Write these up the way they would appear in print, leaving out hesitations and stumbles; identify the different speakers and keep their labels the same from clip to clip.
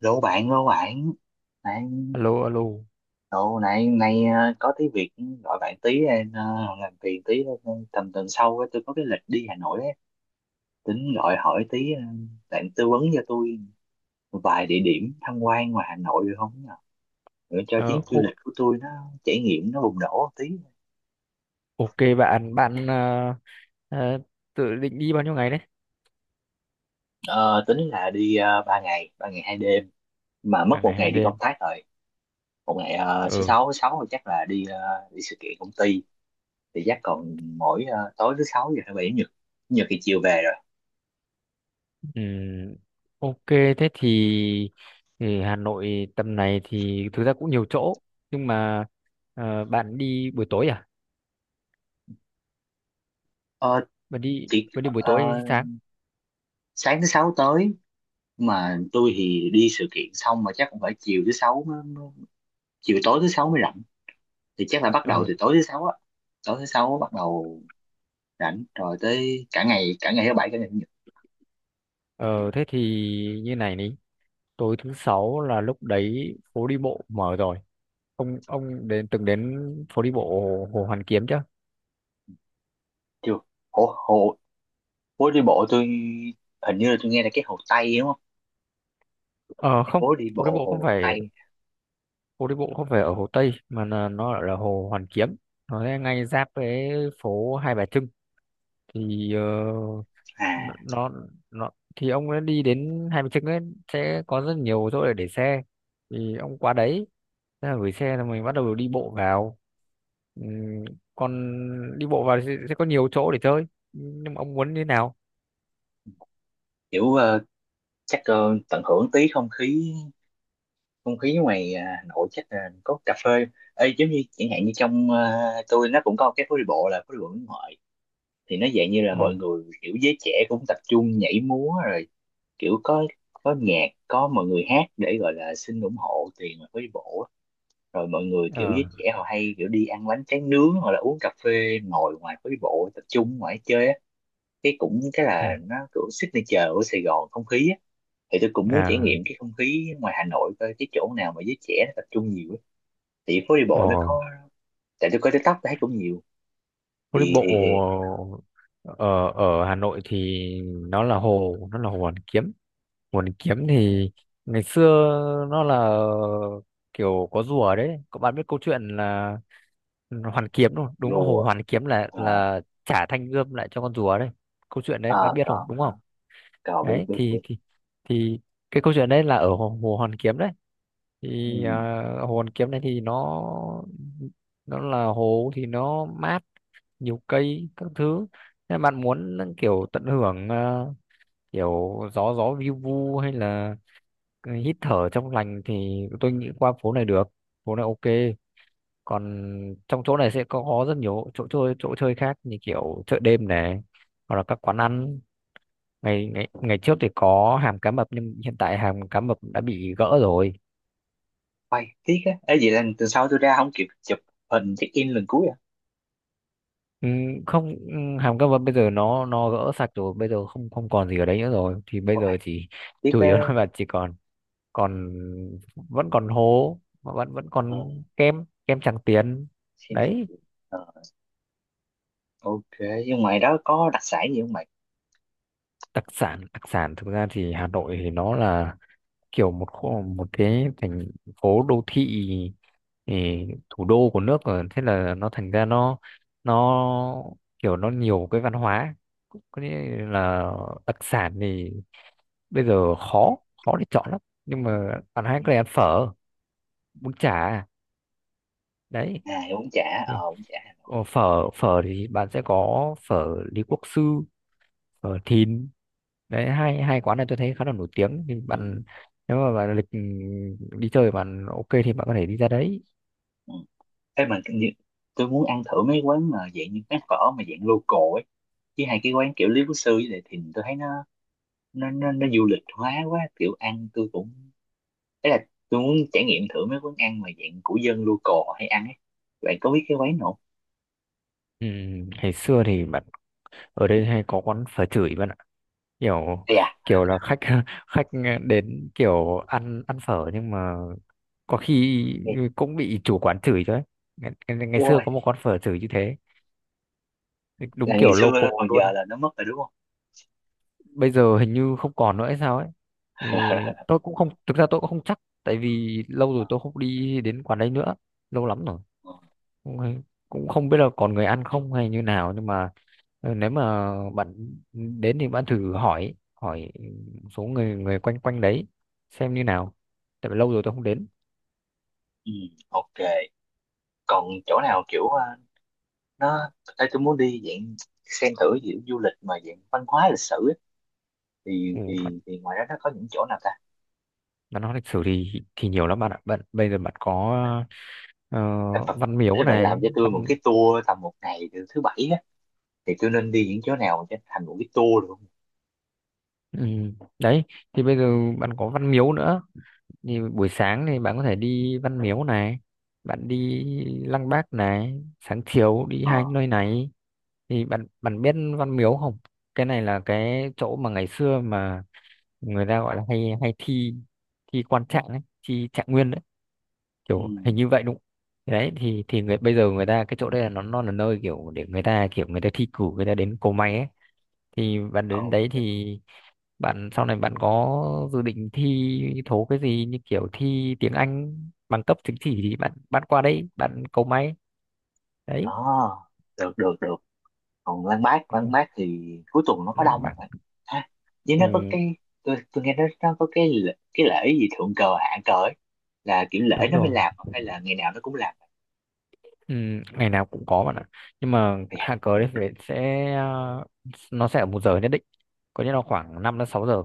Speaker 1: Rủ bạn này,
Speaker 2: Alo alo.
Speaker 1: cậu! Này này ờ, Có tí việc, gọi bạn tí em ờ, làm phiền tí. Ờ, tầm tuần sau á, tôi có cái lịch đi Hà Nội á, tính gọi hỏi tí, bạn tư vấn cho tôi một vài địa điểm tham quan ngoài Hà Nội được không nhờ? Để cho
Speaker 2: Ờ,
Speaker 1: chuyến du
Speaker 2: ô-
Speaker 1: lịch của tôi nó trải nghiệm nó bùng nổ một tí.
Speaker 2: ok, bạn bạn ờ, tự định đi bao nhiêu ngày đấy?
Speaker 1: Ờ, tính là đi uh, 3 ngày 3 ngày 2 đêm, mà mất
Speaker 2: Là
Speaker 1: một
Speaker 2: ngày hai
Speaker 1: ngày đi công
Speaker 2: đêm
Speaker 1: tác rồi. Một ngày, thứ
Speaker 2: Ừ.
Speaker 1: sáu, thứ sáu thì chắc là đi, đi sự kiện công ty. Thì chắc còn mỗi, tối thứ sáu giờ thứ bảy chủ nhật. Chủ nhật thì chiều về rồi.
Speaker 2: Ừm, ok thế thì Hà Nội tầm này thì thực ra cũng nhiều chỗ, nhưng mà bạn đi buổi tối à?
Speaker 1: Ờ,
Speaker 2: bạn đi
Speaker 1: chỉ
Speaker 2: bạn đi buổi
Speaker 1: ờ,
Speaker 2: tối hay sáng?
Speaker 1: sáng thứ sáu tới, mà tôi thì đi sự kiện xong mà chắc cũng phải chiều thứ sáu mới, mới- chiều tối thứ sáu mới rảnh, thì chắc là bắt đầu
Speaker 2: ờ
Speaker 1: từ tối thứ sáu á. Tối thứ sáu bắt đầu rảnh rồi, tới cả ngày, cả ngày thứ bảy, cả ngày chủ nhật.
Speaker 2: ờ Thế thì như này đi. Tối thứ sáu là lúc đấy phố đi bộ mở rồi. Ông từng đến phố đi bộ Hồ Hoàn Kiếm chưa?
Speaker 1: Chưa, hồ hồ phố đi bộ tôi hình như là tôi nghe là cái hồ Tây đúng không?
Speaker 2: Ờ Không,
Speaker 1: Phố đi
Speaker 2: phố đi
Speaker 1: bộ
Speaker 2: bộ không
Speaker 1: hồ
Speaker 2: phải.
Speaker 1: Tây
Speaker 2: Hồ Đi Bộ không phải ở Hồ Tây mà là nó ở, là Hồ Hoàn Kiếm. Nó ngay ngay giáp với phố Hai Bà Trưng thì nó
Speaker 1: à?
Speaker 2: nó nó- thì ông ấy đi đến Hai Bà Trưng ấy, sẽ có rất nhiều chỗ để xe. Thì ông qua đấy thế là gửi xe là mình bắt đầu đi bộ vào. Ừm, Còn đi bộ vào thì sẽ có nhiều chỗ để chơi, nhưng mà ông muốn như thế nào?
Speaker 1: Kiểu, chắc tận hưởng tí không khí, không khí ngoài, Hà Nội, chắc là có cà phê. Ê, giống như chẳng hạn như trong, tôi nó cũng có cái phố đi bộ là phố đi bộ Nguyễn Huệ, thì nó dạng như là
Speaker 2: Ồ.
Speaker 1: mọi người kiểu giới trẻ cũng tập trung nhảy múa rồi, kiểu có nhạc, có mọi người hát để gọi là xin ủng hộ tiền mà phố đi bộ á. Rồi mọi người kiểu
Speaker 2: Ờ.
Speaker 1: giới trẻ họ hay kiểu đi ăn bánh tráng nướng hoặc là uống cà phê ngồi ngoài phố đi bộ tập trung ngoài chơi á. Cái cũng cái
Speaker 2: Ừ,
Speaker 1: là nó kiểu signature của Sài Gòn, không khí á. Thì tôi cũng muốn trải
Speaker 2: à.
Speaker 1: nghiệm cái không khí ngoài Hà Nội coi cái chỗ nào mà giới trẻ nó tập trung nhiều, thì phố đi bộ
Speaker 2: Ồ.
Speaker 1: nó có. Tại tôi coi TikTok thấy cũng nhiều,
Speaker 2: Phố đi
Speaker 1: thì
Speaker 2: bộ.
Speaker 1: thì thì cũng có.
Speaker 2: Ở ở Hà Nội thì nó là hồ Hoàn Kiếm. Hồ Hoàn Kiếm thì ngày xưa nó là kiểu có rùa đấy. Các bạn biết câu chuyện là Hoàn Kiếm đúng không? Đúng là hồ
Speaker 1: Rùa,
Speaker 2: Hoàn Kiếm là
Speaker 1: à,
Speaker 2: là trả thanh gươm lại cho con rùa đấy. Câu chuyện đấy
Speaker 1: à,
Speaker 2: bạn biết
Speaker 1: có
Speaker 2: không? Đúng
Speaker 1: có
Speaker 2: không?
Speaker 1: có biết
Speaker 2: Đấy
Speaker 1: biết
Speaker 2: thì
Speaker 1: biết.
Speaker 2: thì thì cái câu chuyện đấy là ở hồ Hoàn Kiếm đấy. Thì
Speaker 1: Ừ.
Speaker 2: hồ Hoàn Kiếm này thì nó là hồ thì nó mát, nhiều cây các thứ. Nếu bạn muốn kiểu tận hưởng kiểu gió gió vi vu hay là cái hít thở trong lành thì tôi nghĩ qua phố này được. Phố này ok. Còn trong chỗ này sẽ có rất nhiều chỗ chơi khác như kiểu chợ đêm này, hoặc là các quán ăn. Ngày ngày ngày trước thì có hàm cá mập, nhưng hiện tại hàm cá mập đã bị gỡ rồi.
Speaker 1: Quay tiếc á, ấy vậy là từ sau tôi ra không kịp chụp hình check in lần cuối à.
Speaker 2: Ừ, không, ừ, hàm cá mập bây giờ nó gỡ sạch rồi, bây giờ không không còn gì ở đấy nữa rồi. Thì bây
Speaker 1: Quay
Speaker 2: giờ chỉ
Speaker 1: tiếc
Speaker 2: chủ
Speaker 1: á.
Speaker 2: yếu là chỉ còn còn vẫn còn hố mà vẫn vẫn
Speaker 1: Ờ,
Speaker 2: còn kem kem Tràng Tiền
Speaker 1: xin xin
Speaker 2: đấy.
Speaker 1: xin. Ờ, ok, nhưng ngoài đó có đặc sản gì không mày?
Speaker 2: Đặc sản thực ra thì Hà Nội thì nó là kiểu một cái thành phố đô thị, ừ, thủ đô của nước rồi, thế là nó thành ra nó kiểu nó nhiều cái văn hóa. Có nghĩa là đặc sản thì bây giờ khó khó để chọn lắm, nhưng mà bạn hãy
Speaker 1: Ừ.
Speaker 2: có thể ăn phở, bún chả đấy.
Speaker 1: À, bún chả,
Speaker 2: Thì
Speaker 1: bún chả Hà Nội.
Speaker 2: Phở phở thì bạn sẽ có phở Lý Quốc Sư, phở Thìn đấy. Hai hai quán này tôi thấy khá là nổi tiếng, thì
Speaker 1: Ừ.
Speaker 2: bạn nếu mà bạn lịch đi chơi bạn ok thì bạn có thể đi ra đấy.
Speaker 1: Ừ. Ê, tôi muốn ăn thử mấy quán mà dạng như quán phở mà dạng local ấy, chứ hai cái quán kiểu Lý Quốc Sư với lại Thìn tôi thấy nó, nó du lịch hóa quá, kiểu ăn tôi cũng, ấy là tôi muốn trải nghiệm thử mấy quán ăn mà dạng của dân local họ hay ăn ấy. Bạn có biết cái quán nào không?
Speaker 2: Ừ, ngày xưa thì bạn ở đây hay có quán phở chửi bạn ạ, kiểu
Speaker 1: Ê à.
Speaker 2: kiểu là khách khách đến kiểu ăn ăn phở nhưng mà có khi
Speaker 1: Ê,
Speaker 2: cũng bị chủ quán chửi chứ ấy. Ngày xưa
Speaker 1: ôi,
Speaker 2: có một quán phở chửi như thế, đúng
Speaker 1: là ngày
Speaker 2: kiểu
Speaker 1: xưa
Speaker 2: local
Speaker 1: đó còn giờ
Speaker 2: luôn.
Speaker 1: là nó mất rồi đúng không?
Speaker 2: Bây giờ hình như không còn nữa hay sao ấy, thì tôi cũng không, thực ra tôi cũng không chắc tại vì lâu rồi
Speaker 1: Ờ.
Speaker 2: tôi không đi đến quán đấy nữa. Lâu lắm rồi.
Speaker 1: Ờ.
Speaker 2: cũng hay- Cũng không biết là còn người ăn không hay như nào, nhưng mà nếu mà bạn đến thì bạn thử hỏi hỏi một số người người quanh quanh đấy xem như nào, tại vì lâu rồi tôi không đến.
Speaker 1: Ừ, ok, còn chỗ nào kiểu, ờ, nó Ê, tôi muốn đi dạng xem thử kiểu du lịch mà dạng văn hóa lịch sử ấy, thì
Speaker 2: Ừ, bạn
Speaker 1: thì thì ngoài đó nó có những chỗ nào ta?
Speaker 2: bạn lịch sử thì nhiều lắm bạn ạ. Bạn bây giờ bạn có ờ,
Speaker 1: Ê, Phật,
Speaker 2: văn miếu
Speaker 1: nếu bạn làm
Speaker 2: này,
Speaker 1: cho tôi một
Speaker 2: văn.
Speaker 1: cái tour tầm một ngày từ thứ bảy á, thì tôi nên đi những chỗ nào cho thành một cái tour được không?
Speaker 2: Ừ, đấy thì bây giờ bạn có văn miếu nữa. Thì buổi sáng thì bạn có thể đi Văn Miếu này, bạn đi Lăng Bác này, sáng chiều đi
Speaker 1: Ờ.
Speaker 2: hai nơi này. Thì bạn bạn biết Văn Miếu không? Cái này là cái chỗ mà ngày xưa mà người ta gọi là hay hay thi thi quan trạng ấy, thi trạng nguyên đấy,
Speaker 1: Ừ.
Speaker 2: kiểu hình như vậy đúng không? Thì đấy thì người bây giờ người ta cái chỗ đây là nó là nơi kiểu để người ta kiểu người ta thi cử, người ta đến cầu may ấy. Thì bạn đến đấy
Speaker 1: Ok.
Speaker 2: thì bạn sau này bạn có dự định thi thố cái gì như kiểu thi tiếng Anh, bằng cấp chứng chỉ thì bạn bạn qua đấy bạn cầu may đấy.
Speaker 1: Đó, được được được. Còn Lan Bác,
Speaker 2: Ừ,
Speaker 1: Thì cuối tuần nó có đông
Speaker 2: lòng
Speaker 1: không
Speaker 2: bạn.
Speaker 1: ta? Ha, với nó có
Speaker 2: Ừ,
Speaker 1: cái, tôi nghe nó, có cái cái lễ gì thượng cờ hạ cờ ấy, là kiểu lễ
Speaker 2: đúng
Speaker 1: nó mới
Speaker 2: rồi.
Speaker 1: làm, à, hay là ngày nào nó cũng làm?
Speaker 2: Ừ, ngày nào cũng có bạn ạ. Nhưng mà
Speaker 1: Ây da,
Speaker 2: hạ cờ đấy phải sẽ nó sẽ ở một giờ nhất định, có nghĩa là khoảng 5 đến 6 giờ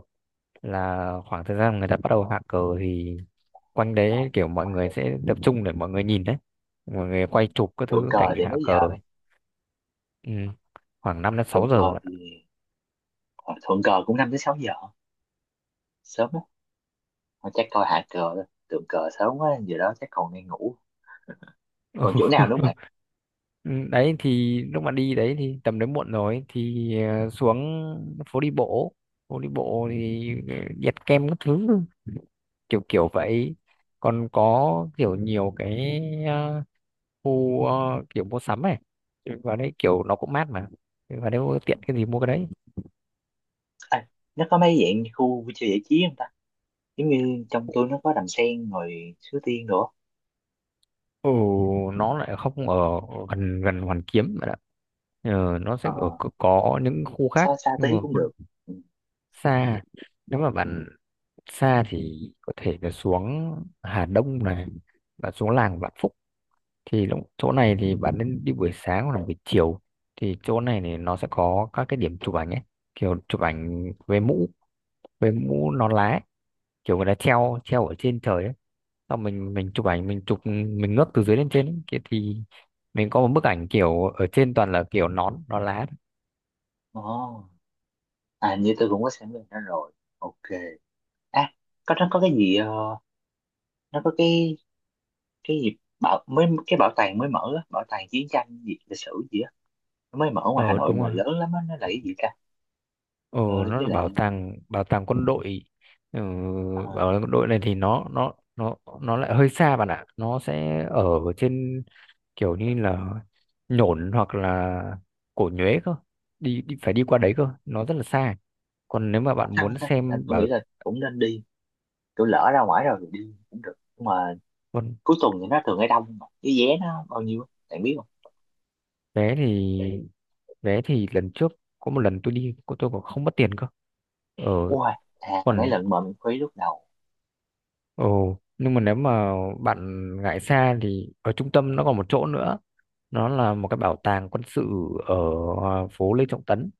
Speaker 2: là khoảng thời gian người ta bắt đầu hạ cờ, thì quanh
Speaker 1: rồi,
Speaker 2: đấy kiểu mọi
Speaker 1: rồi
Speaker 2: người
Speaker 1: được.
Speaker 2: sẽ tập trung để mọi người nhìn đấy. Mọi người
Speaker 1: Ừ.
Speaker 2: quay chụp các
Speaker 1: Thượng
Speaker 2: thứ cảnh
Speaker 1: cờ thì
Speaker 2: hạ
Speaker 1: mấy giờ
Speaker 2: cờ.
Speaker 1: vậy?
Speaker 2: Ừ, khoảng 5 đến
Speaker 1: Thượng
Speaker 2: 6 giờ
Speaker 1: cờ
Speaker 2: bạn
Speaker 1: thì, ờ, thượng cờ cũng 5 tới 6 giờ, sớm á. Thôi chắc coi hạ cờ thôi, thượng cờ sớm quá, giờ đó chắc còn đang ngủ.
Speaker 2: ạ.
Speaker 1: Còn chỗ nào nữa không bạn?
Speaker 2: Ừ, đấy thì lúc mà đi đấy thì tầm đấy muộn rồi thì xuống phố đi bộ. Phố đi bộ thì nhặt kem các thứ, kiểu kiểu vậy. Còn có kiểu nhiều cái ờ, khu kiểu mua sắm này, và đấy kiểu nó cũng mát mà, và nếu tiện cái gì mua cái đấy.
Speaker 1: À, nó có mấy dạng khu vui chơi giải trí không ta? Giống như trong tôi nó có đàn sen rồi sứ tiên nữa.
Speaker 2: Ừ, nó lại không ở gần gần Hoàn Kiếm mà đã. Nó sẽ
Speaker 1: Ờ,
Speaker 2: ở, có những khu
Speaker 1: xa
Speaker 2: khác
Speaker 1: xa
Speaker 2: nhưng
Speaker 1: tí
Speaker 2: mà
Speaker 1: cũng được.
Speaker 2: hơn
Speaker 1: Ừ.
Speaker 2: xa. Nếu mà bạn xa thì có thể là xuống Hà Đông này và xuống làng Vạn Phúc. Thì chỗ này thì bạn nên đi buổi sáng hoặc là buổi chiều. Thì chỗ này thì nó sẽ có các cái điểm chụp ảnh ấy, kiểu chụp ảnh về mũ nón lá ấy. Kiểu người ta treo treo ở trên trời ấy, xong mình chụp ảnh, mình chụp mình ngước từ dưới lên trên ấy. Thì mình có một bức ảnh kiểu ở trên toàn là kiểu nón nón lá thôi.
Speaker 1: Ồ. À, như tôi cũng có xem bên đó rồi. Ok. À, có, nó có cái gì, nó có cái gì bảo mới, cái bảo tàng mới mở á, bảo tàng chiến tranh gì lịch sử gì á, nó mới mở ngoài Hà
Speaker 2: Ờ,
Speaker 1: Nội
Speaker 2: đúng
Speaker 1: mà
Speaker 2: rồi.
Speaker 1: lớn lắm á, nó là cái gì ta?
Speaker 2: Ờ,
Speaker 1: ờ,
Speaker 2: nó
Speaker 1: với
Speaker 2: là bảo
Speaker 1: lại,
Speaker 2: tàng bảo tàng quân đội. Ừ,
Speaker 1: ờ,
Speaker 2: bảo tàng quân đội này thì nó lại hơi xa bạn ạ, nó sẽ ở trên kiểu như là Nhổn hoặc là Cổ Nhuế cơ, đi phải đi qua đấy cơ, nó rất là xa. Còn nếu mà bạn
Speaker 1: sao
Speaker 2: muốn
Speaker 1: ta, à,
Speaker 2: xem
Speaker 1: tôi nghĩ là cũng nên đi, tôi lỡ ra ngoài rồi thì đi cũng được, nhưng mà
Speaker 2: còn
Speaker 1: cuối tuần thì nó thường hay đông, mà cái vé nó bao nhiêu á bạn biết không?
Speaker 2: vé thì vé thì lần trước có một lần tôi đi tôi còn không mất tiền cơ. Ờ
Speaker 1: Ui, à mấy
Speaker 2: còn
Speaker 1: lần mà mình khuấy lúc đầu.
Speaker 2: Ồ, nhưng mà nếu mà bạn ngại xa thì ở trung tâm nó còn một chỗ nữa. Nó là một cái bảo tàng quân sự ở phố Lê Trọng Tấn.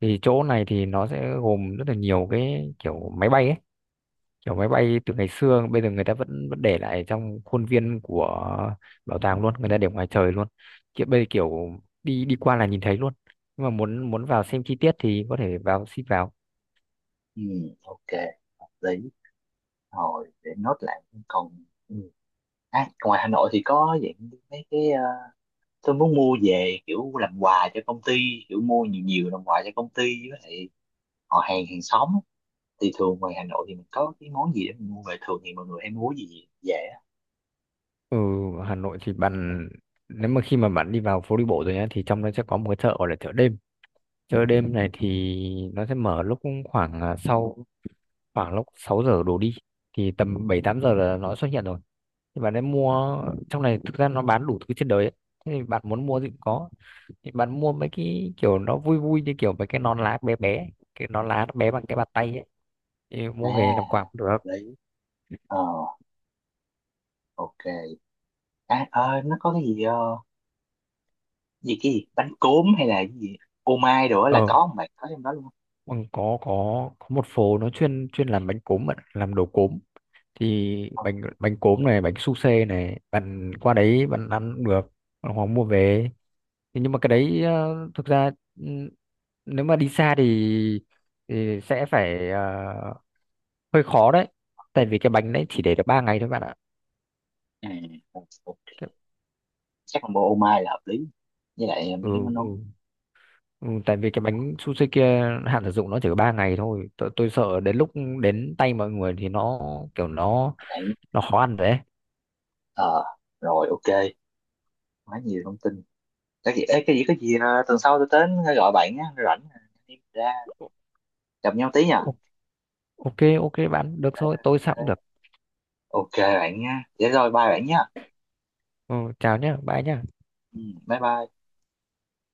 Speaker 2: Thì chỗ này thì nó sẽ gồm rất là nhiều cái kiểu máy bay ấy. Kiểu máy bay từ ngày xưa bây giờ người ta vẫn vẫn để lại trong khuôn viên của bảo tàng luôn, người ta để ngoài trời luôn. Kiểu bây giờ kiểu đi đi qua là nhìn thấy luôn. Nhưng mà muốn muốn vào xem chi tiết thì có thể vào xin vào.
Speaker 1: Ừ, ok, hợp lý. Rồi, để nốt lại cũng còn, ừ. À, ngoài Hà Nội thì có dạng mấy cái, tôi muốn mua về kiểu làm quà cho công ty, kiểu mua nhiều nhiều làm quà cho công ty với lại họ hàng hàng xóm á. Thì thường ngoài Hà Nội thì mình có cái món gì để mình mua về, thường thì mọi người hay mua gì dễ?
Speaker 2: Ừ, ở Hà Nội thì bạn nếu mà khi mà bạn đi vào phố đi bộ rồi nhá thì trong đó sẽ có một cái chợ gọi là chợ đêm. Chợ đêm này thì nó sẽ mở lúc khoảng sau khoảng lúc 6 giờ đổ đi, thì tầm 7-8 giờ là nó xuất hiện rồi. Thì bạn ấy mua trong này thực ra nó bán đủ thứ trên đời ấy. Thế thì bạn muốn mua gì cũng có. Thì bạn mua mấy cái kiểu nó vui vui như kiểu mấy cái nón lá bé bé, cái nón lá nó bé bằng cái bàn tay ấy. Thì
Speaker 1: À,
Speaker 2: mua về làm quà cũng được.
Speaker 1: hợp lý, ờ, ok. À, nó có cái gì, ờ, gì cái gì bánh cốm hay là cái gì ô mai đồ á là
Speaker 2: Ờ,
Speaker 1: có không bạn, có trong đó luôn không?
Speaker 2: còn có một phố nó chuyên chuyên làm bánh cốm bạn ạ, làm đồ cốm. Thì
Speaker 1: Ờ,
Speaker 2: bánh bánh cốm này, bánh su xê này, bạn qua đấy bạn ăn cũng được, bạn hoặc mua về. Thế nhưng mà cái
Speaker 1: ờ.
Speaker 2: đấy thực ra, ừ, nếu mà đi xa thì sẽ phải hơi khó đấy, tại vì cái bánh đấy chỉ để được 3 ngày thôi bạn ạ.
Speaker 1: À, ok,
Speaker 2: Cái-
Speaker 1: chắc combo ô mai là hợp lý, với lại mấy
Speaker 2: ừ,
Speaker 1: cái món
Speaker 2: ừ,
Speaker 1: nón.
Speaker 2: ừ, tại vì cái
Speaker 1: Mình
Speaker 2: bánh su xê kia hạn sử dụng nó chỉ có 3 ngày thôi. Tôi sợ đến lúc đến tay mọi người thì nó kiểu nó
Speaker 1: hỏi lại.
Speaker 2: nó khó ăn đấy.
Speaker 1: Ờ, rồi, ok, quá nhiều thông tin. Cái gì ấy, cái gì có gì, à, tuần sau tôi đến gọi bạn á rảnh, à, anh em ra
Speaker 2: Ô-
Speaker 1: gặp nhau tí nha.
Speaker 2: ô- ok, ok, bạn được thôi, tôi sao
Speaker 1: Ờ,
Speaker 2: cũng được.
Speaker 1: ok bạn nha, để rồi bye bạn nha.
Speaker 2: Ừ, chào nhé, bye nhé.
Speaker 1: Ừ, bye bye.